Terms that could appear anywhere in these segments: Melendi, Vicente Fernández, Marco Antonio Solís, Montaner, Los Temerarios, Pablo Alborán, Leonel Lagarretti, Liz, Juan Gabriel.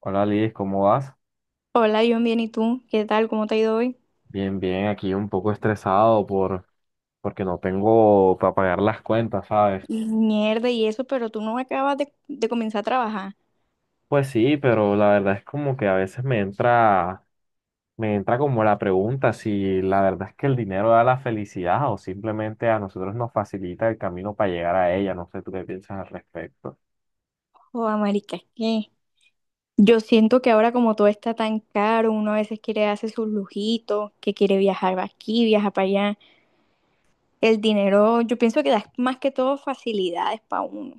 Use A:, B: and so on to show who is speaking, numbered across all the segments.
A: Hola Liz, ¿cómo vas?
B: Hola, yo bien, ¿y tú? ¿Qué tal? ¿Cómo te ha ido hoy?
A: Bien, bien, aquí un poco estresado porque no tengo para pagar las cuentas, ¿sabes?
B: Mierda, y eso, pero tú no acabas de comenzar a trabajar.
A: Pues sí, pero la verdad es como que a veces me entra como la pregunta si la verdad es que el dinero da la felicidad o simplemente a nosotros nos facilita el camino para llegar a ella, no sé tú qué piensas al respecto.
B: Joda, marica, ¿qué? Yo siento que ahora como todo está tan caro, uno a veces quiere hacer sus lujitos, que quiere viajar pa' aquí, viajar para allá. El dinero, yo pienso que da más que todo facilidades para uno.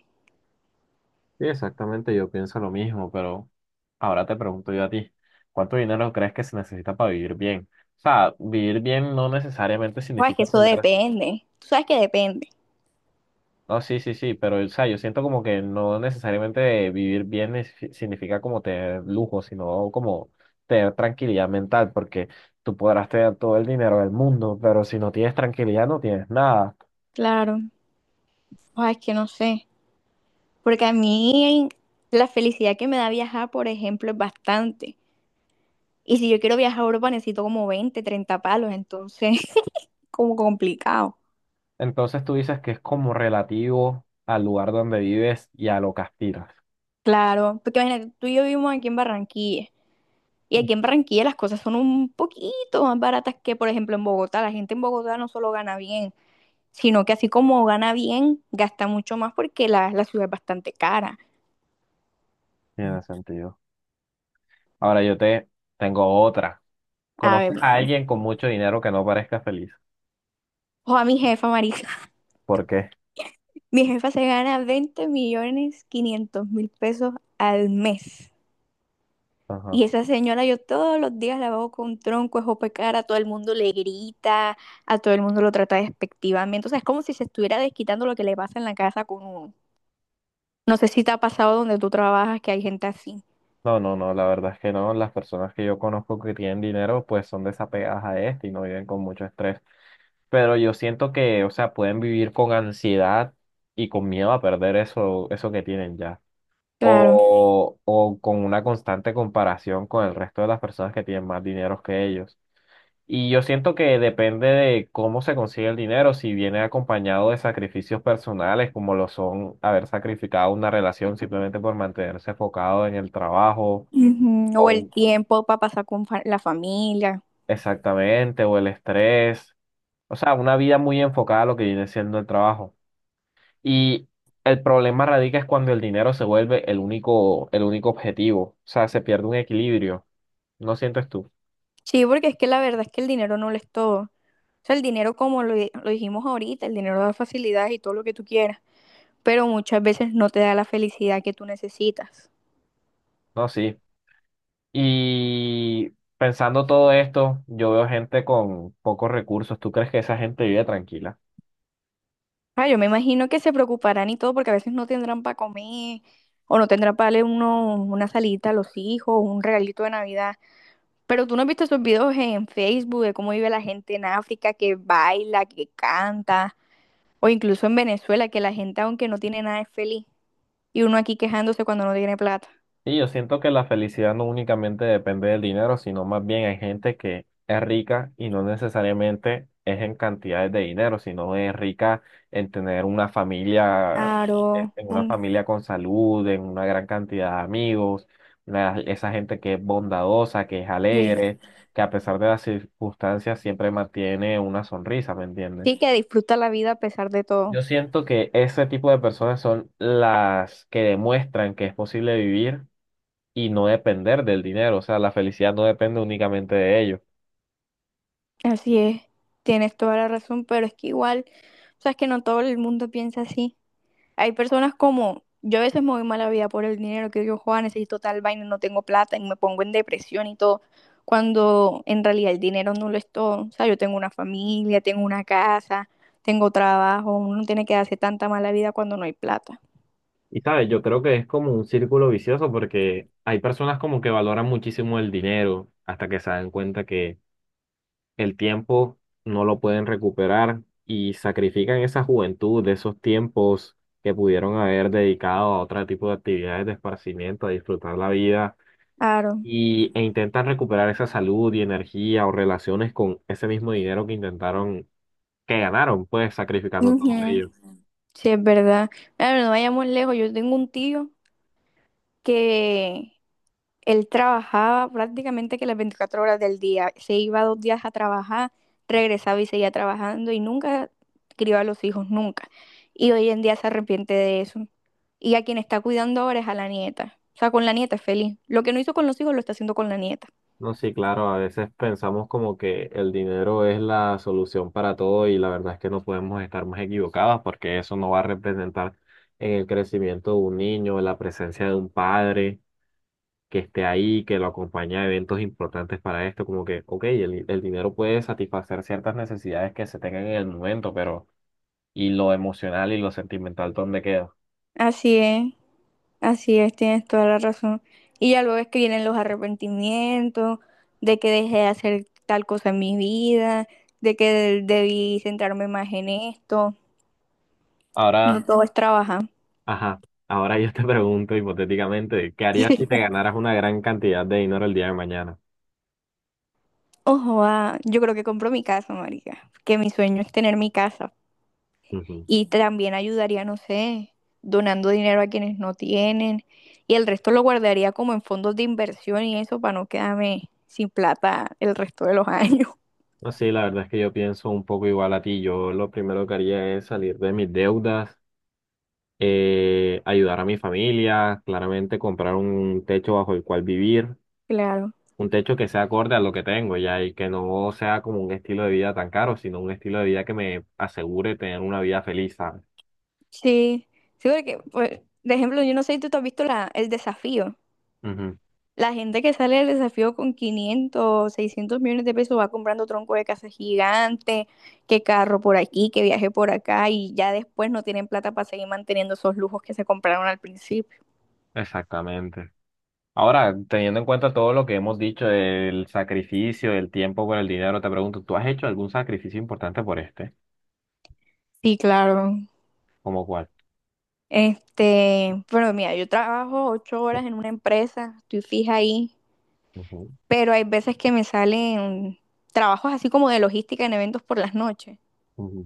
A: Sí, exactamente, yo pienso lo mismo, pero ahora te pregunto yo a ti, ¿cuánto dinero crees que se necesita para vivir bien? O sea, vivir bien no necesariamente
B: Joda, es que
A: significa
B: eso
A: tener.
B: depende. Tú sabes que depende.
A: No, sí, sí, sí, pero o sea, yo siento como que no necesariamente vivir bien significa como tener lujo, sino como tener tranquilidad mental, porque tú podrás tener todo el dinero del mundo, pero si no tienes tranquilidad no tienes nada.
B: Claro. Joda, es que no sé. Porque a mí la felicidad que me da viajar, por ejemplo, es bastante. Y si yo quiero viajar a Europa necesito como 20, 30 palos, entonces como complicado.
A: Entonces tú dices que es como relativo al lugar donde vives y a lo que aspiras.
B: Claro, porque imagínate, tú y yo vivimos aquí en Barranquilla. Y
A: Mm.
B: aquí en Barranquilla las cosas son un poquito más baratas que, por ejemplo, en Bogotá. La gente en Bogotá no solo gana bien, sino que así como gana bien, gasta mucho más porque la ciudad es bastante cara.
A: Tiene sentido. Ahora yo te tengo otra.
B: A
A: ¿Conoces
B: ver, a
A: a
B: ver.
A: alguien con mucho dinero que no parezca feliz?
B: O a mi jefa, Marisa.
A: ¿Por qué?
B: Mi jefa se gana 20.500.000 pesos al mes.
A: Ajá.
B: Y esa señora yo todos los días la veo con tronco, es opacara, a todo el mundo le grita, a todo el mundo lo trata despectivamente. O sea, es como si se estuviera desquitando lo que le pasa en la casa con uno. No sé si te ha pasado donde tú trabajas que hay gente así.
A: No, no, no, la verdad es que no. Las personas que yo conozco que tienen dinero, pues son desapegadas a este y no viven con mucho estrés. Pero yo siento que, o sea, pueden vivir con ansiedad y con miedo a perder eso, eso que tienen ya.
B: Claro.
A: O con una constante comparación con el resto de las personas que tienen más dinero que ellos. Y yo siento que depende de cómo se consigue el dinero, si viene acompañado de sacrificios personales, como lo son haber sacrificado una relación simplemente por mantenerse enfocado en el trabajo
B: Ujú. O el
A: o
B: tiempo para pasar con la familia.
A: exactamente, o el estrés, o sea, una vida muy enfocada a lo que viene siendo el trabajo. Y el problema radica es cuando el dinero se vuelve el único objetivo, o sea, se pierde un equilibrio, ¿no sientes tú?
B: Sí, porque es que la verdad es que el dinero no lo es todo. O sea, el dinero, como lo dijimos ahorita, el dinero da facilidades y todo lo que tú quieras, pero muchas veces no te da la felicidad que tú necesitas.
A: No, sí. Y pensando todo esto, yo veo gente con pocos recursos, ¿tú crees que esa gente vive tranquila?
B: Ah, yo me imagino que se preocuparán y todo porque a veces no tendrán para comer o no tendrán para darle uno, una salita a los hijos, un regalito de Navidad. Pero tú no has visto esos videos en Facebook de cómo vive la gente en África, que baila, que canta, o incluso en Venezuela, que la gente aunque no tiene nada es feliz. Y uno aquí quejándose cuando no tiene plata.
A: Y yo siento que la felicidad no únicamente depende del dinero, sino más bien hay gente que es rica y no necesariamente es en cantidades de dinero, sino es rica en tener una familia,
B: Claro,
A: en una familia con salud, en una gran cantidad de amigos, una- esa gente que es bondadosa, que es
B: sí.
A: alegre, que a pesar de las circunstancias siempre mantiene una sonrisa, ¿me entiendes?
B: Sí que disfruta la vida a pesar de
A: Yo
B: todo.
A: siento que ese tipo de personas son las que demuestran que es posible vivir y no depender del dinero, o sea, la felicidad no depende únicamente de ello.
B: Así es, tienes toda la razón, pero es que igual, o sea, es que no todo el mundo piensa así. Hay personas como, yo a veces me voy mala vida por el dinero que digo Juan, necesito tal vaina, no tengo plata y me pongo en depresión y todo, cuando en realidad el dinero no lo es todo. O sea, yo tengo una familia, tengo una casa, tengo trabajo, uno no tiene que darse tanta mala vida cuando no hay plata.
A: Y sabes, yo creo que es como un círculo vicioso porque hay personas como que valoran muchísimo el dinero hasta que se dan cuenta que el tiempo no lo pueden recuperar y sacrifican esa juventud, de esos tiempos que pudieron haber dedicado a otro tipo de actividades de esparcimiento, a disfrutar la vida
B: Claro.
A: y, e intentan recuperar esa salud y energía o relaciones con ese mismo dinero que intentaron, que ganaron, pues sacrificando todo
B: Ujú.
A: ello.
B: Sí, es verdad. Claro, no vayamos lejos, yo tengo un tío que Él trabajaba prácticamente que las 24 horas del día. Se iba 2 días a trabajar, regresaba y seguía trabajando y nunca crió a los hijos, nunca. Y hoy en día se arrepiente de eso. Y a quien está cuidando ahora es a la nieta. O sea, con la nieta es feliz. Lo que no hizo con los hijos lo está haciendo con la nieta.
A: No, sí, claro, a veces pensamos como que el dinero es la solución para todo y la verdad es que no podemos estar más equivocadas porque eso no va a representar en el crecimiento de un niño, en la presencia de un padre que esté ahí, que lo acompañe a eventos importantes para esto, como que, ok, el dinero puede satisfacer ciertas necesidades que se tengan en el momento, pero ¿y lo emocional y lo sentimental dónde queda?
B: Así es, así es, tienes toda la razón. Y ya luego es que vienen los arrepentimientos de que dejé de hacer tal cosa en mi vida, de que debí centrarme más en esto.
A: Ahora,
B: No todo es trabajar.
A: ajá, ahora yo te pregunto hipotéticamente, ¿qué harías si te ganaras una gran cantidad de dinero el día de mañana?
B: Ojo, ah, yo creo que compro mi casa, marica, que mi sueño es tener mi casa
A: Ujú.
B: y también ayudaría, no sé, donando dinero a quienes no tienen y el resto lo guardaría como en fondos de inversión y eso para no quedarme sin plata el resto de los años.
A: No, sí, la verdad es que yo pienso un poco igual a ti. Yo lo primero que haría es salir de mis deudas, ayudar a mi familia, claramente comprar un techo bajo el cual vivir,
B: Claro.
A: un techo que sea acorde a lo que tengo ya y que no sea como un estilo de vida tan caro, sino un estilo de vida que me asegure tener una vida feliz, ¿sabes?
B: Sí, sí, porque, pues, de ejemplo, yo no sé si tú te has visto el desafío.
A: Ujú.
B: La gente que sale del desafío con 500, 600 millones de pesos va comprando tronco de casa gigante, que carro por aquí, que viaje por acá y ya después no tienen plata para seguir manteniendo esos lujos que se compraron al principio.
A: Exactamente. Ahora, teniendo en cuenta todo lo que hemos dicho del sacrificio, del tiempo por el dinero, te pregunto, ¿tú has hecho algún sacrificio importante por este?
B: Sí, claro.
A: ¿Cómo cuál?
B: Este, pero mira, yo trabajo 8 horas en una empresa, estoy fija ahí,
A: Ujú.
B: pero hay veces que me salen trabajos así como de logística en eventos por las noches.
A: Ujú.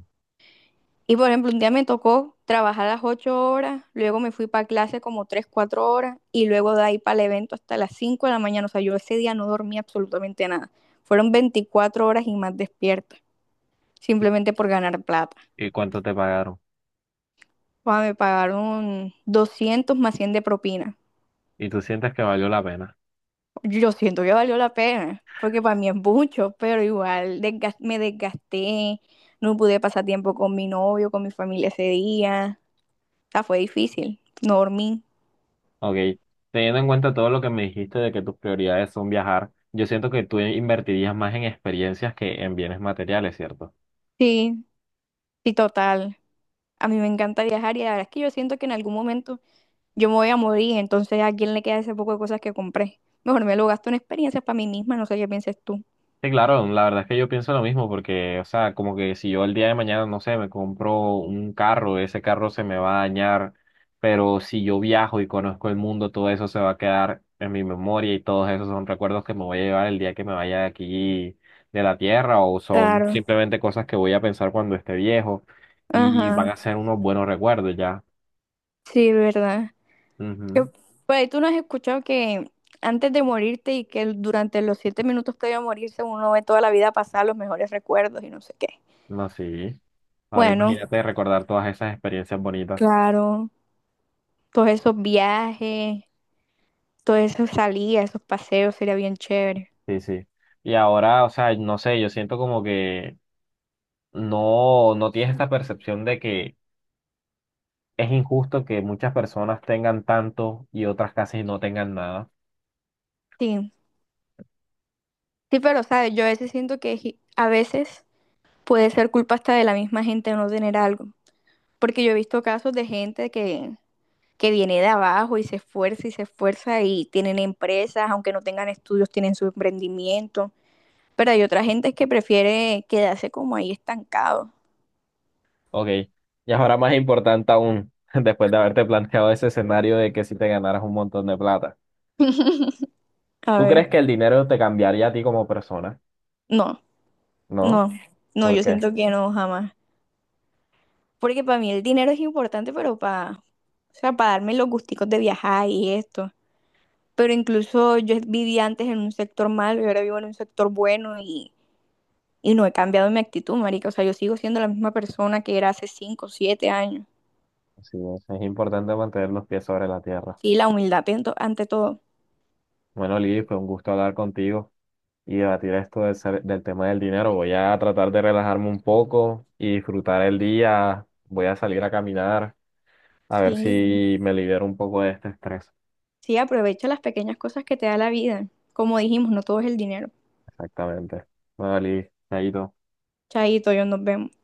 B: Y por ejemplo, un día me tocó trabajar las 8 horas, luego me fui para clase como 3, 4 horas y luego de ahí para el evento hasta las 5 de la mañana. O sea, yo ese día no dormí absolutamente nada. Fueron 24 horas y más despierta,
A: ¿Y
B: simplemente por ganar plata.
A: cuánto te pagaron?
B: O sea, me pagaron 200 más 100 de propina.
A: ¿Y tú sientes que valió la pena?
B: Yo siento que valió la pena, porque para mí es mucho, pero igual me desgasté, no pude pasar tiempo con mi novio, con mi familia ese día. O sea, fue difícil, no dormí.
A: Ok, teniendo en cuenta todo lo que me dijiste de que tus prioridades son viajar, yo siento que tú invertirías más en experiencias que en bienes materiales, ¿cierto?
B: Sí, sí, total. A mí me encanta viajar y la verdad es que yo siento que en algún momento yo me voy a morir, entonces ¿a quién le queda ese poco de cosas que compré? Mejor me lo gasto en experiencias para mí misma, no sé qué pienses tú.
A: Sí, claro, la verdad es que yo pienso lo mismo porque, o sea, como que si yo el día de mañana, no sé, me compro un carro, ese carro se me va a dañar, pero si yo viajo y conozco el mundo, todo eso se va a quedar en mi memoria y todos esos son recuerdos que me voy a llevar el día que me vaya de aquí de la tierra o son
B: Claro.
A: simplemente cosas que voy a pensar cuando esté viejo y van
B: Ajá.
A: a ser unos buenos recuerdos ya.
B: Sí, verdad. Yo-
A: Ujú.
B: por ahí tú no has escuchado que antes de morirte y que durante los 7 minutos previo a morirse uno ve toda la vida pasar los mejores recuerdos y no sé qué.
A: No, sí. Ahora
B: Bueno,
A: imagínate recordar todas esas experiencias bonitas.
B: claro, todos esos viajes, todas esas salidas, esos paseos sería bien chévere.
A: Sí, sí. Y ahora, o sea, no sé, yo siento como que no, no tienes esta percepción de que es injusto que muchas personas tengan tanto y otras casi no tengan nada.
B: Sí, sí, pero sabes, yo a veces siento que a veces puede ser culpa hasta de la misma gente de no tener algo. Porque yo he visto casos de gente que viene de abajo y se esfuerza y se esfuerza y tienen empresas, aunque no tengan estudios, tienen su emprendimiento. Pero hay otra gente que prefiere quedarse como ahí estancado.
A: Ok. Y ahora más importante aún, después de haberte planteado ese escenario de que si te ganaras un montón de plata,
B: A
A: ¿tú
B: ver,
A: crees que el dinero te cambiaría a ti como persona?
B: no,
A: ¿No?
B: no, no,
A: ¿Por
B: yo
A: qué?
B: siento que no, jamás. Porque para mí el dinero es importante, pero para, o sea, para darme los gusticos de viajar y esto. Pero incluso yo vivía antes en un sector malo y ahora vivo en un sector bueno. Y no he cambiado mi actitud, marica. O sea, yo sigo siendo la misma persona que era hace 5, 7 años.
A: Así es importante mantener los pies sobre la tierra.
B: Sí, la humildad ante todo.
A: Bueno, Lidy, fue un gusto hablar contigo y debatir esto del tema del dinero. Voy a tratar de relajarme un poco y disfrutar el día. Voy a salir a caminar a
B: Sí,
A: ver si me libero un poco de este estrés.
B: sí, aprovecha las pequeñas cosas que te da la vida. Como dijimos, no todo es el dinero.
A: Exactamente. Vale, Chaito.
B: Chaito, yo nos vemos.